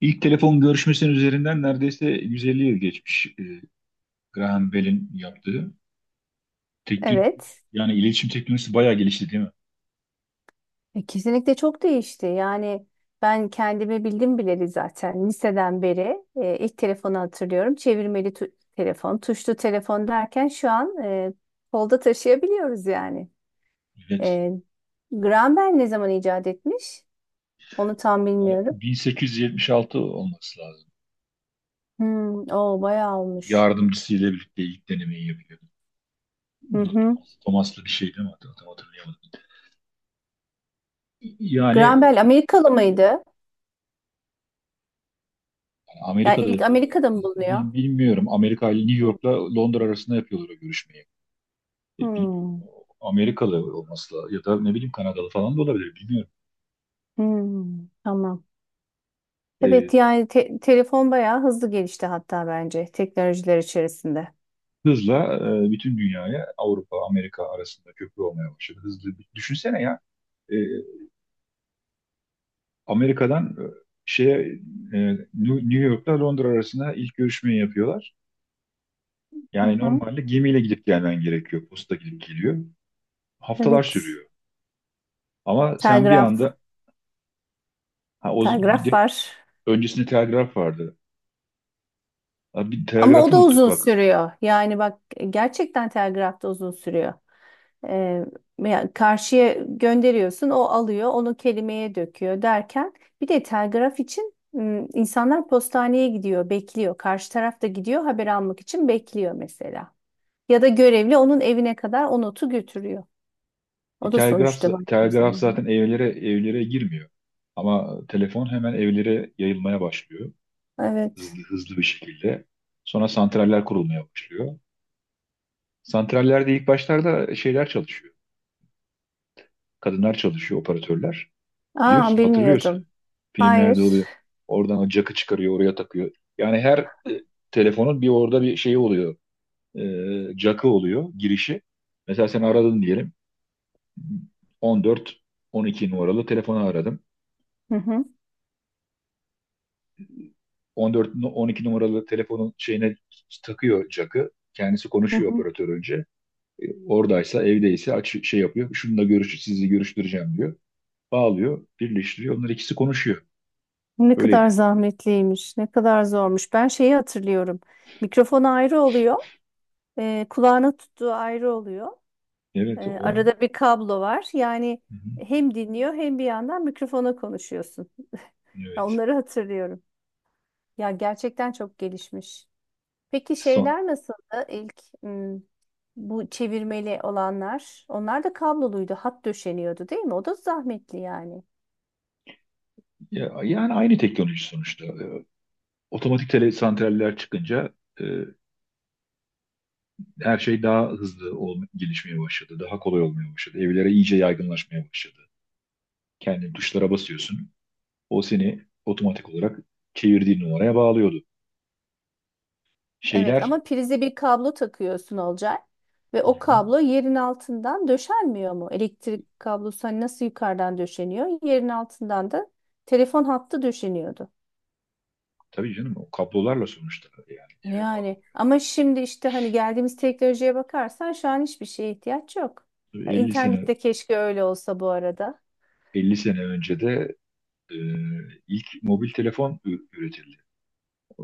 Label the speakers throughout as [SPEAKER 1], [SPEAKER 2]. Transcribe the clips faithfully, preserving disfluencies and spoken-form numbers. [SPEAKER 1] İlk telefon görüşmesinin üzerinden neredeyse yüz elli yıl geçmiş, e, Graham Bell'in yaptığı. Teknoloji,
[SPEAKER 2] Evet,
[SPEAKER 1] yani iletişim teknolojisi bayağı gelişti, değil mi?
[SPEAKER 2] E, kesinlikle çok değişti. Yani ben kendimi bildim bileli zaten liseden beri e, ilk telefonu hatırlıyorum. Çevirmeli tu- telefon, tuşlu telefon derken şu an e, kolda taşıyabiliyoruz yani.
[SPEAKER 1] Evet.
[SPEAKER 2] E, Graham Bell ne zaman icat etmiş? Onu tam
[SPEAKER 1] Yani
[SPEAKER 2] bilmiyorum.
[SPEAKER 1] bin sekiz yüz yetmiş altı olması lazım.
[SPEAKER 2] Hmm, o bayağı olmuş.
[SPEAKER 1] Yardımcısıyla birlikte ilk denemeyi yapıyor.
[SPEAKER 2] Hı
[SPEAKER 1] Bu da
[SPEAKER 2] hı.
[SPEAKER 1] Thomas- Thomas'lı bir şey değil mi? Hat- Tam hatırlayamadım. Yani
[SPEAKER 2] Graham
[SPEAKER 1] yani
[SPEAKER 2] Bell Amerikalı mıydı? Yani
[SPEAKER 1] Amerika'da
[SPEAKER 2] ilk
[SPEAKER 1] yapıyorlar.
[SPEAKER 2] Amerika'da mı bulunuyor?
[SPEAKER 1] Bil- Bilmiyorum. Amerika ile New
[SPEAKER 2] Hı.
[SPEAKER 1] York'la Londra arasında yapıyorlar o görüşmeyi. E, bilmiyorum.
[SPEAKER 2] Hmm,
[SPEAKER 1] Amerikalı olması lazım. Ya da ne bileyim, Kanadalı falan da olabilir. Bilmiyorum.
[SPEAKER 2] hmm, tamam.
[SPEAKER 1] E,
[SPEAKER 2] Evet, yani te- telefon bayağı hızlı gelişti, hatta bence teknolojiler içerisinde.
[SPEAKER 1] hızla e, bütün dünyaya, Avrupa, Amerika arasında köprü olmaya başladı. Hızlı, düşünsene ya. e, Amerika'dan, e, şeye, e, New York'ta Londra arasında ilk görüşmeyi yapıyorlar.
[SPEAKER 2] Hı
[SPEAKER 1] Yani
[SPEAKER 2] hı.
[SPEAKER 1] normalde gemiyle gidip gelmen gerekiyor. Posta gidip geliyor. Haftalar
[SPEAKER 2] Evet.
[SPEAKER 1] sürüyor. Ama sen bir
[SPEAKER 2] Telgraf.
[SPEAKER 1] anda ha, o, bir
[SPEAKER 2] Telgraf
[SPEAKER 1] de
[SPEAKER 2] var.
[SPEAKER 1] öncesinde telgraf vardı. Ha, bir
[SPEAKER 2] Ama o
[SPEAKER 1] telgrafı
[SPEAKER 2] da
[SPEAKER 1] unuttuk
[SPEAKER 2] uzun
[SPEAKER 1] bak.
[SPEAKER 2] sürüyor. Yani bak, gerçekten telgraf da uzun sürüyor. Ee, Yani karşıya gönderiyorsun, o alıyor, onu kelimeye döküyor derken bir de telgraf için m, insanlar postaneye gidiyor, bekliyor. Karşı taraf da gidiyor, haber almak için bekliyor mesela. Ya da görevli onun evine kadar o notu götürüyor.
[SPEAKER 1] E,
[SPEAKER 2] O da
[SPEAKER 1] telgraf,
[SPEAKER 2] sonuçta baktığım
[SPEAKER 1] telgraf
[SPEAKER 2] zaman.
[SPEAKER 1] zaten evlere evlere girmiyor. Ama telefon hemen evlere yayılmaya başlıyor.
[SPEAKER 2] Evet.
[SPEAKER 1] Hızlı hızlı bir şekilde. Sonra santraller kurulmaya başlıyor. Santrallerde ilk başlarda şeyler çalışıyor. Kadınlar çalışıyor, operatörler.
[SPEAKER 2] Aa,
[SPEAKER 1] Biliyorsun, hatırlıyorsun.
[SPEAKER 2] bilmiyordum.
[SPEAKER 1] Filmlerde
[SPEAKER 2] Hayır.
[SPEAKER 1] oluyor. Oradan o jack'ı çıkarıyor, oraya takıyor. Yani her e, telefonun bir orada bir şeyi oluyor. E, jack'ı oluyor, girişi. Mesela sen aradın diyelim. on dört on iki numaralı telefonu aradım.
[SPEAKER 2] Hı hı,
[SPEAKER 1] on dört nu- on iki numaralı telefonun şeyine takıyor jack'ı. Kendisi
[SPEAKER 2] hı
[SPEAKER 1] konuşuyor
[SPEAKER 2] hı.
[SPEAKER 1] operatör önce. E, oradaysa, evdeyse aç, şey yapıyor. Şununla görüş, sizi görüştüreceğim diyor. Bağlıyor, birleştiriyor. Onlar ikisi konuşuyor.
[SPEAKER 2] Ne kadar
[SPEAKER 1] Öyleydi.
[SPEAKER 2] zahmetliymiş, ne kadar zormuş. Ben şeyi hatırlıyorum. Mikrofon ayrı oluyor, e, kulağına tuttuğu ayrı oluyor. Ee,
[SPEAKER 1] Evet, o.
[SPEAKER 2] arada bir kablo var. Yani
[SPEAKER 1] Hı hı.
[SPEAKER 2] hem dinliyor hem bir yandan mikrofona konuşuyorsun. Ya,
[SPEAKER 1] Evet.
[SPEAKER 2] onları hatırlıyorum. Ya, gerçekten çok gelişmiş. Peki
[SPEAKER 1] Son,
[SPEAKER 2] şeyler nasıldı ilk, hmm, bu çevirmeli olanlar? Onlar da kabloluydu. Hat döşeniyordu değil mi? O da zahmetli yani.
[SPEAKER 1] ya, yani aynı teknoloji sonuçta. E, otomatik tele santraller çıkınca e, her şey daha hızlı ol, gelişmeye başladı. Daha kolay olmaya başladı. Evlere iyice yaygınlaşmaya başladı. Kendi tuşlara basıyorsun. O seni otomatik olarak çevirdiğin numaraya bağlıyordu.
[SPEAKER 2] Evet,
[SPEAKER 1] Şeyler.
[SPEAKER 2] ama prize bir kablo takıyorsun Olcay. Ve
[SPEAKER 1] Hı
[SPEAKER 2] o
[SPEAKER 1] hı.
[SPEAKER 2] kablo yerin altından döşenmiyor mu? Elektrik kablosu hani nasıl yukarıdan döşeniyor? Yerin altından da telefon hattı döşeniyordu.
[SPEAKER 1] Tabii canım, o kablolarla sonuçta, yani eve bağlı.
[SPEAKER 2] Yani ama şimdi işte hani geldiğimiz teknolojiye bakarsan şu an hiçbir şeye ihtiyaç yok. Ya,
[SPEAKER 1] Elli sene
[SPEAKER 2] İnternette keşke öyle olsa bu arada.
[SPEAKER 1] elli sene önce de e, ilk mobil telefon ü- üretildi. E,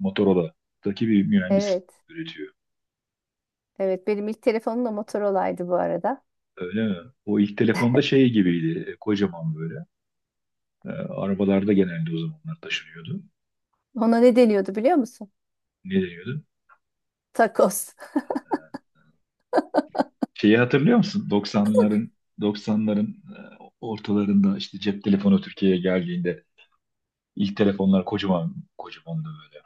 [SPEAKER 1] Motorola'daki bir mühendis
[SPEAKER 2] Evet.
[SPEAKER 1] üretiyor.
[SPEAKER 2] Evet, benim ilk telefonum da Motorola'ydı bu arada.
[SPEAKER 1] Öyle mi? O ilk telefonda şey gibiydi, e, kocaman böyle. E, arabalarda genelde o zamanlar taşınıyordu.
[SPEAKER 2] Ona ne deniyordu biliyor musun?
[SPEAKER 1] Ne deniyordu?
[SPEAKER 2] Takos.
[SPEAKER 1] Şeyi hatırlıyor musun? doksanların doksanların e, ortalarında işte cep telefonu Türkiye'ye geldiğinde ilk telefonlar kocaman kocamandı böyle.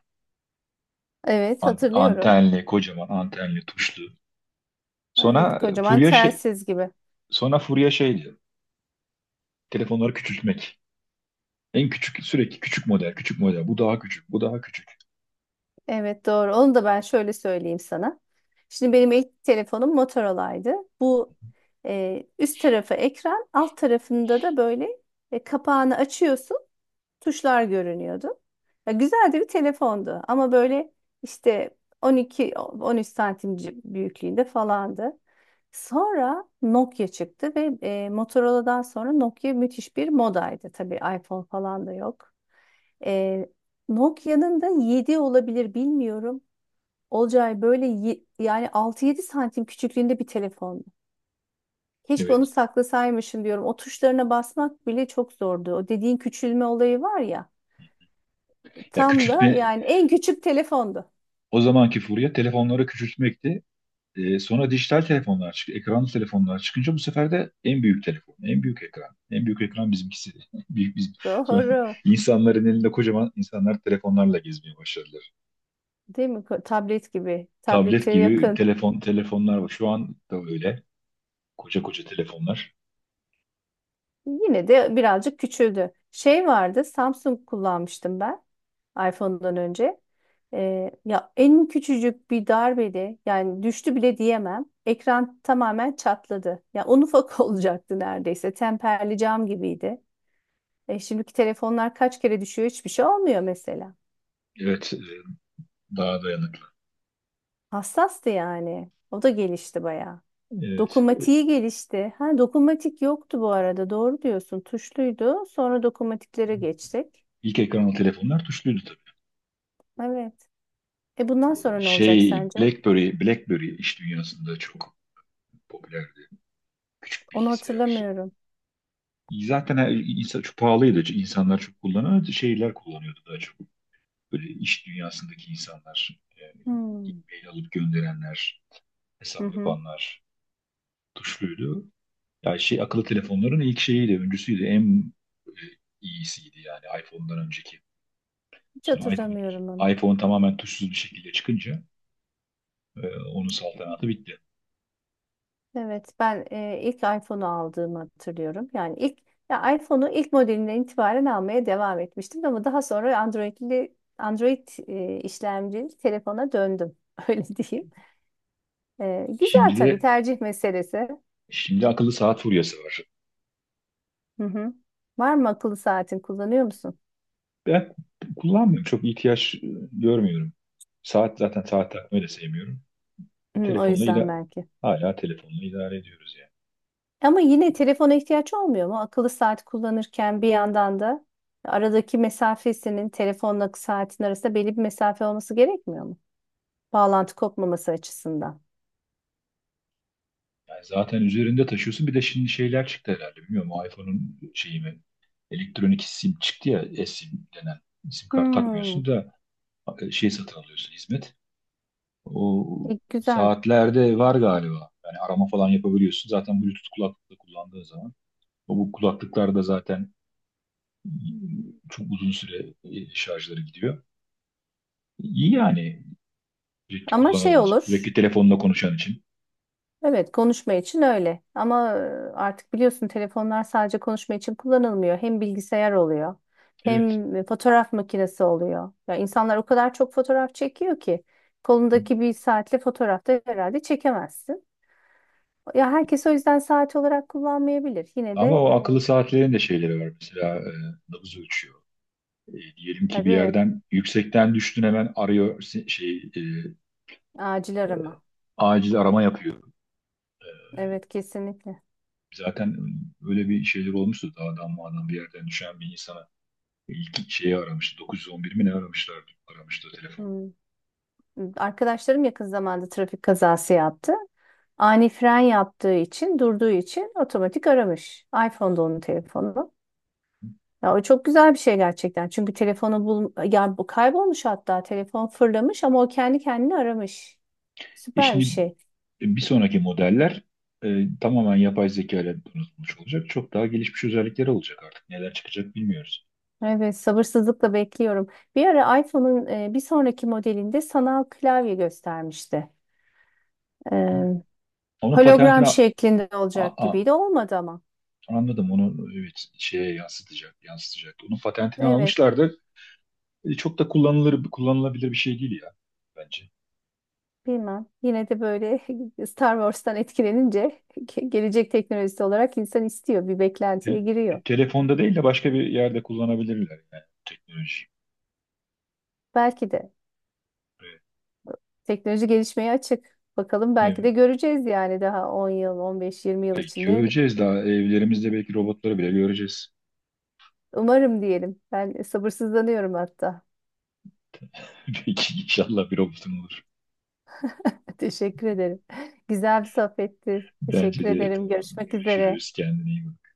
[SPEAKER 2] Evet,
[SPEAKER 1] An-
[SPEAKER 2] hatırlıyorum.
[SPEAKER 1] antenli, kocaman antenli, tuşlu. Sonra
[SPEAKER 2] Evet,
[SPEAKER 1] e,
[SPEAKER 2] kocaman
[SPEAKER 1] furya şey,
[SPEAKER 2] telsiz gibi.
[SPEAKER 1] sonra furya şeydi. Telefonları küçültmek. En küçük, sürekli küçük model, küçük model. Bu daha küçük, bu daha küçük.
[SPEAKER 2] Evet, doğru. Onu da ben şöyle söyleyeyim sana. Şimdi benim ilk telefonum Motorola'ydı. Bu e, üst tarafı ekran, alt tarafında da böyle e, kapağını açıyorsun. Tuşlar görünüyordu. Ya, güzel de bir telefondu ama böyle işte on iki on üç santim ci- büyüklüğünde falandı. Sonra Nokia çıktı ve e, Motorola'dan sonra Nokia müthiş bir modaydı. Tabii iPhone falan da yok. E, Nokia'nın da yedi olabilir bilmiyorum. Olcay, böyle ye- yani altı yedi santim küçüklüğünde bir telefondu. Keşke onu
[SPEAKER 1] Evet.
[SPEAKER 2] saklasaymışım diyorum. O tuşlarına basmak bile çok zordu. O dediğin küçülme olayı var ya.
[SPEAKER 1] Ya,
[SPEAKER 2] Tam da
[SPEAKER 1] küçültme,
[SPEAKER 2] yani en küçük telefondu.
[SPEAKER 1] o zamanki furya telefonları küçültmekti. Ee, sonra dijital telefonlar çıktı, ekranlı telefonlar çıkınca bu sefer de en büyük telefon, en büyük ekran, en büyük ekran bizimkisi. Büyük biz sonra
[SPEAKER 2] Doğru.
[SPEAKER 1] insanların elinde kocaman, insanlar telefonlarla gezmeye başladılar.
[SPEAKER 2] Değil mi? Ko- Tablet gibi.
[SPEAKER 1] Tablet
[SPEAKER 2] Tablete
[SPEAKER 1] gibi
[SPEAKER 2] yakın.
[SPEAKER 1] telefon telefonlar var. Şu an da öyle. Koca koca telefonlar.
[SPEAKER 2] Yine de birazcık küçüldü. Şey vardı. Samsung kullanmıştım ben. iPhone'dan önce. Ee, ya en küçücük bir darbede yani düştü bile diyemem. Ekran tamamen çatladı. Ya un ufak olacaktı neredeyse. Temperli cam gibiydi. E, şimdiki telefonlar kaç kere düşüyor, hiçbir şey olmuyor mesela.
[SPEAKER 1] Evet, e, daha dayanıklı.
[SPEAKER 2] Hassastı yani. O da gelişti bayağı.
[SPEAKER 1] Evet. e,
[SPEAKER 2] Dokunmatiği gelişti. Ha, dokunmatik yoktu bu arada. Doğru diyorsun. Tuşluydu. Sonra dokunmatiklere geçtik.
[SPEAKER 1] İlk ekranlı telefonlar tuşluydu.
[SPEAKER 2] Evet. E bundan
[SPEAKER 1] E,
[SPEAKER 2] sonra ne olacak
[SPEAKER 1] Şey
[SPEAKER 2] sence?
[SPEAKER 1] BlackBerry, BlackBerry iş dünyasında çok popülerdi. Küçük
[SPEAKER 2] Onu
[SPEAKER 1] bilgisayar.
[SPEAKER 2] hatırlamıyorum.
[SPEAKER 1] Zaten her, insan çok pahalıydı. İnsanlar çok kullanıyordu. Şeyler kullanıyordu daha çok. Böyle iş dünyasındaki insanlar, yani
[SPEAKER 2] Hmm.
[SPEAKER 1] e-mail alıp gönderenler,
[SPEAKER 2] Hı
[SPEAKER 1] hesap
[SPEAKER 2] hı.
[SPEAKER 1] yapanlar tuşluydu. Yani şey, akıllı telefonların ilk şeyiydi, öncüsüydü. En e, iyisiydi yani, iPhone'dan önceki.
[SPEAKER 2] Hiç
[SPEAKER 1] Sonra iPhone,
[SPEAKER 2] hatırlamıyorum onu.
[SPEAKER 1] iPhone tamamen tuşsuz bir şekilde çıkınca e, onun saltanatı bitti.
[SPEAKER 2] Evet, ben e, ilk iPhone'u aldığımı hatırlıyorum. Yani ilk, ya iPhone'u ilk modelinden itibaren almaya devam etmiştim ama daha sonra Android'li Android e, işlemcili telefona döndüm. Öyle diyeyim. E, güzel,
[SPEAKER 1] Şimdi
[SPEAKER 2] tabii
[SPEAKER 1] de
[SPEAKER 2] tercih meselesi.
[SPEAKER 1] Şimdi akıllı saat furyası var.
[SPEAKER 2] Hı hı. Var mı akıllı saatin, kullanıyor musun?
[SPEAKER 1] Ben kullanmıyorum. Çok ihtiyaç e, görmüyorum. Saat, zaten saat takmayı da sevmiyorum.
[SPEAKER 2] Hı, o
[SPEAKER 1] Telefonla
[SPEAKER 2] yüzden
[SPEAKER 1] ila
[SPEAKER 2] belki.
[SPEAKER 1] hala telefonla idare ediyoruz yani.
[SPEAKER 2] Ama yine telefona ihtiyaç olmuyor mu? Akıllı saat kullanırken bir yandan da aradaki mesafesinin telefonla saatin arasında belli bir mesafe olması gerekmiyor mu? Bağlantı kopmaması açısından.
[SPEAKER 1] Yani zaten üzerinde taşıyorsun. Bir de şimdi şeyler çıktı herhalde. Bilmiyorum, o iPhone'un şeyi mi? Elektronik sim çıktı ya. eSIM denen. Sim kart takmıyorsun
[SPEAKER 2] Hmm,
[SPEAKER 1] da e, şey satın alıyorsun, hizmet. O
[SPEAKER 2] iyi, güzel.
[SPEAKER 1] saatlerde var galiba. Yani arama falan yapabiliyorsun. Zaten Bluetooth kulaklıkla kullandığın zaman. O, bu kulaklıklarda zaten çok uzun süre e, şarjları gidiyor. İyi yani, sürekli
[SPEAKER 2] Ama şey
[SPEAKER 1] kullanan için, sürekli
[SPEAKER 2] olur.
[SPEAKER 1] telefonla konuşan için.
[SPEAKER 2] Evet, konuşma için öyle. Ama e, artık biliyorsun, telefonlar sadece konuşma için kullanılmıyor. Hem bilgisayar oluyor,
[SPEAKER 1] Evet.
[SPEAKER 2] hem e, fotoğraf makinesi oluyor. Ya, insanlar o kadar çok fotoğraf çekiyor ki kolundaki bir saatle fotoğrafta herhalde çekemezsin. Ya, herkes o yüzden saat olarak kullanmayabilir. Yine de
[SPEAKER 1] Ama o
[SPEAKER 2] e,
[SPEAKER 1] akıllı saatlerin de şeyleri var. Mesela e, nabız ölçüyor. E, diyelim ki bir
[SPEAKER 2] tabii
[SPEAKER 1] yerden yüksekten düştün, hemen arıyor, se- şey e,
[SPEAKER 2] acil arama.
[SPEAKER 1] acil arama yapıyor.
[SPEAKER 2] Evet, kesinlikle.
[SPEAKER 1] Zaten öyle bir şeyler olmuştu. Dağdan mağdan bir yerden düşen bir insana ilk şeyi aramıştı. Dokuz yüz on bir mi ne aramışlardı? Aramıştı o telefon.
[SPEAKER 2] Hmm. Arkadaşlarım yakın zamanda trafik kazası yaptı. Ani fren yaptığı için, durduğu için otomatik aramış. iPhone'da onun telefonu. Ya, o çok güzel bir şey gerçekten. Çünkü telefonu bul ya, bu kaybolmuş, hatta telefon fırlamış ama o kendi kendini aramış.
[SPEAKER 1] E,
[SPEAKER 2] Süper bir
[SPEAKER 1] şimdi
[SPEAKER 2] şey.
[SPEAKER 1] bir sonraki modeller e, tamamen yapay zeka ile donatılmış olacak. Çok daha gelişmiş özellikleri olacak artık. Neler çıkacak bilmiyoruz.
[SPEAKER 2] Evet, sabırsızlıkla bekliyorum. Bir ara iPhone'un e, bir sonraki modelinde sanal klavye göstermişti. E,
[SPEAKER 1] Onun patentini
[SPEAKER 2] hologram
[SPEAKER 1] a-
[SPEAKER 2] şeklinde olacak
[SPEAKER 1] a-
[SPEAKER 2] gibiydi. Olmadı ama.
[SPEAKER 1] anladım. Onu, evet, şeye yansıtacak, yansıtacak. Onun patentini
[SPEAKER 2] Evet.
[SPEAKER 1] almışlardı. E, çok da kullanılır, kullanılabilir bir şey değil ya, bence.
[SPEAKER 2] Bilmem. Yine de böyle Star Wars'tan etkilenince ge- gelecek teknolojisi olarak insan istiyor. Bir beklentiye
[SPEAKER 1] Tel-
[SPEAKER 2] giriyor.
[SPEAKER 1] Telefonda değil de başka bir yerde kullanabilirler, yani teknoloji.
[SPEAKER 2] Belki de
[SPEAKER 1] Evet.
[SPEAKER 2] teknoloji gelişmeye açık. Bakalım, belki de
[SPEAKER 1] Evet.
[SPEAKER 2] göreceğiz yani daha on yıl, on beş yirmi yıl
[SPEAKER 1] E,
[SPEAKER 2] içinde.
[SPEAKER 1] göreceğiz, daha evlerimizde belki robotları bile göreceğiz.
[SPEAKER 2] Umarım diyelim. Ben sabırsızlanıyorum hatta.
[SPEAKER 1] Belki inşallah bir robotun olur.
[SPEAKER 2] Teşekkür ederim. Güzel bir sohbetti.
[SPEAKER 1] Bence
[SPEAKER 2] Teşekkür
[SPEAKER 1] de
[SPEAKER 2] ederim.
[SPEAKER 1] tamam.
[SPEAKER 2] Görüşmek üzere.
[SPEAKER 1] Görüşürüz. Kendine iyi bak.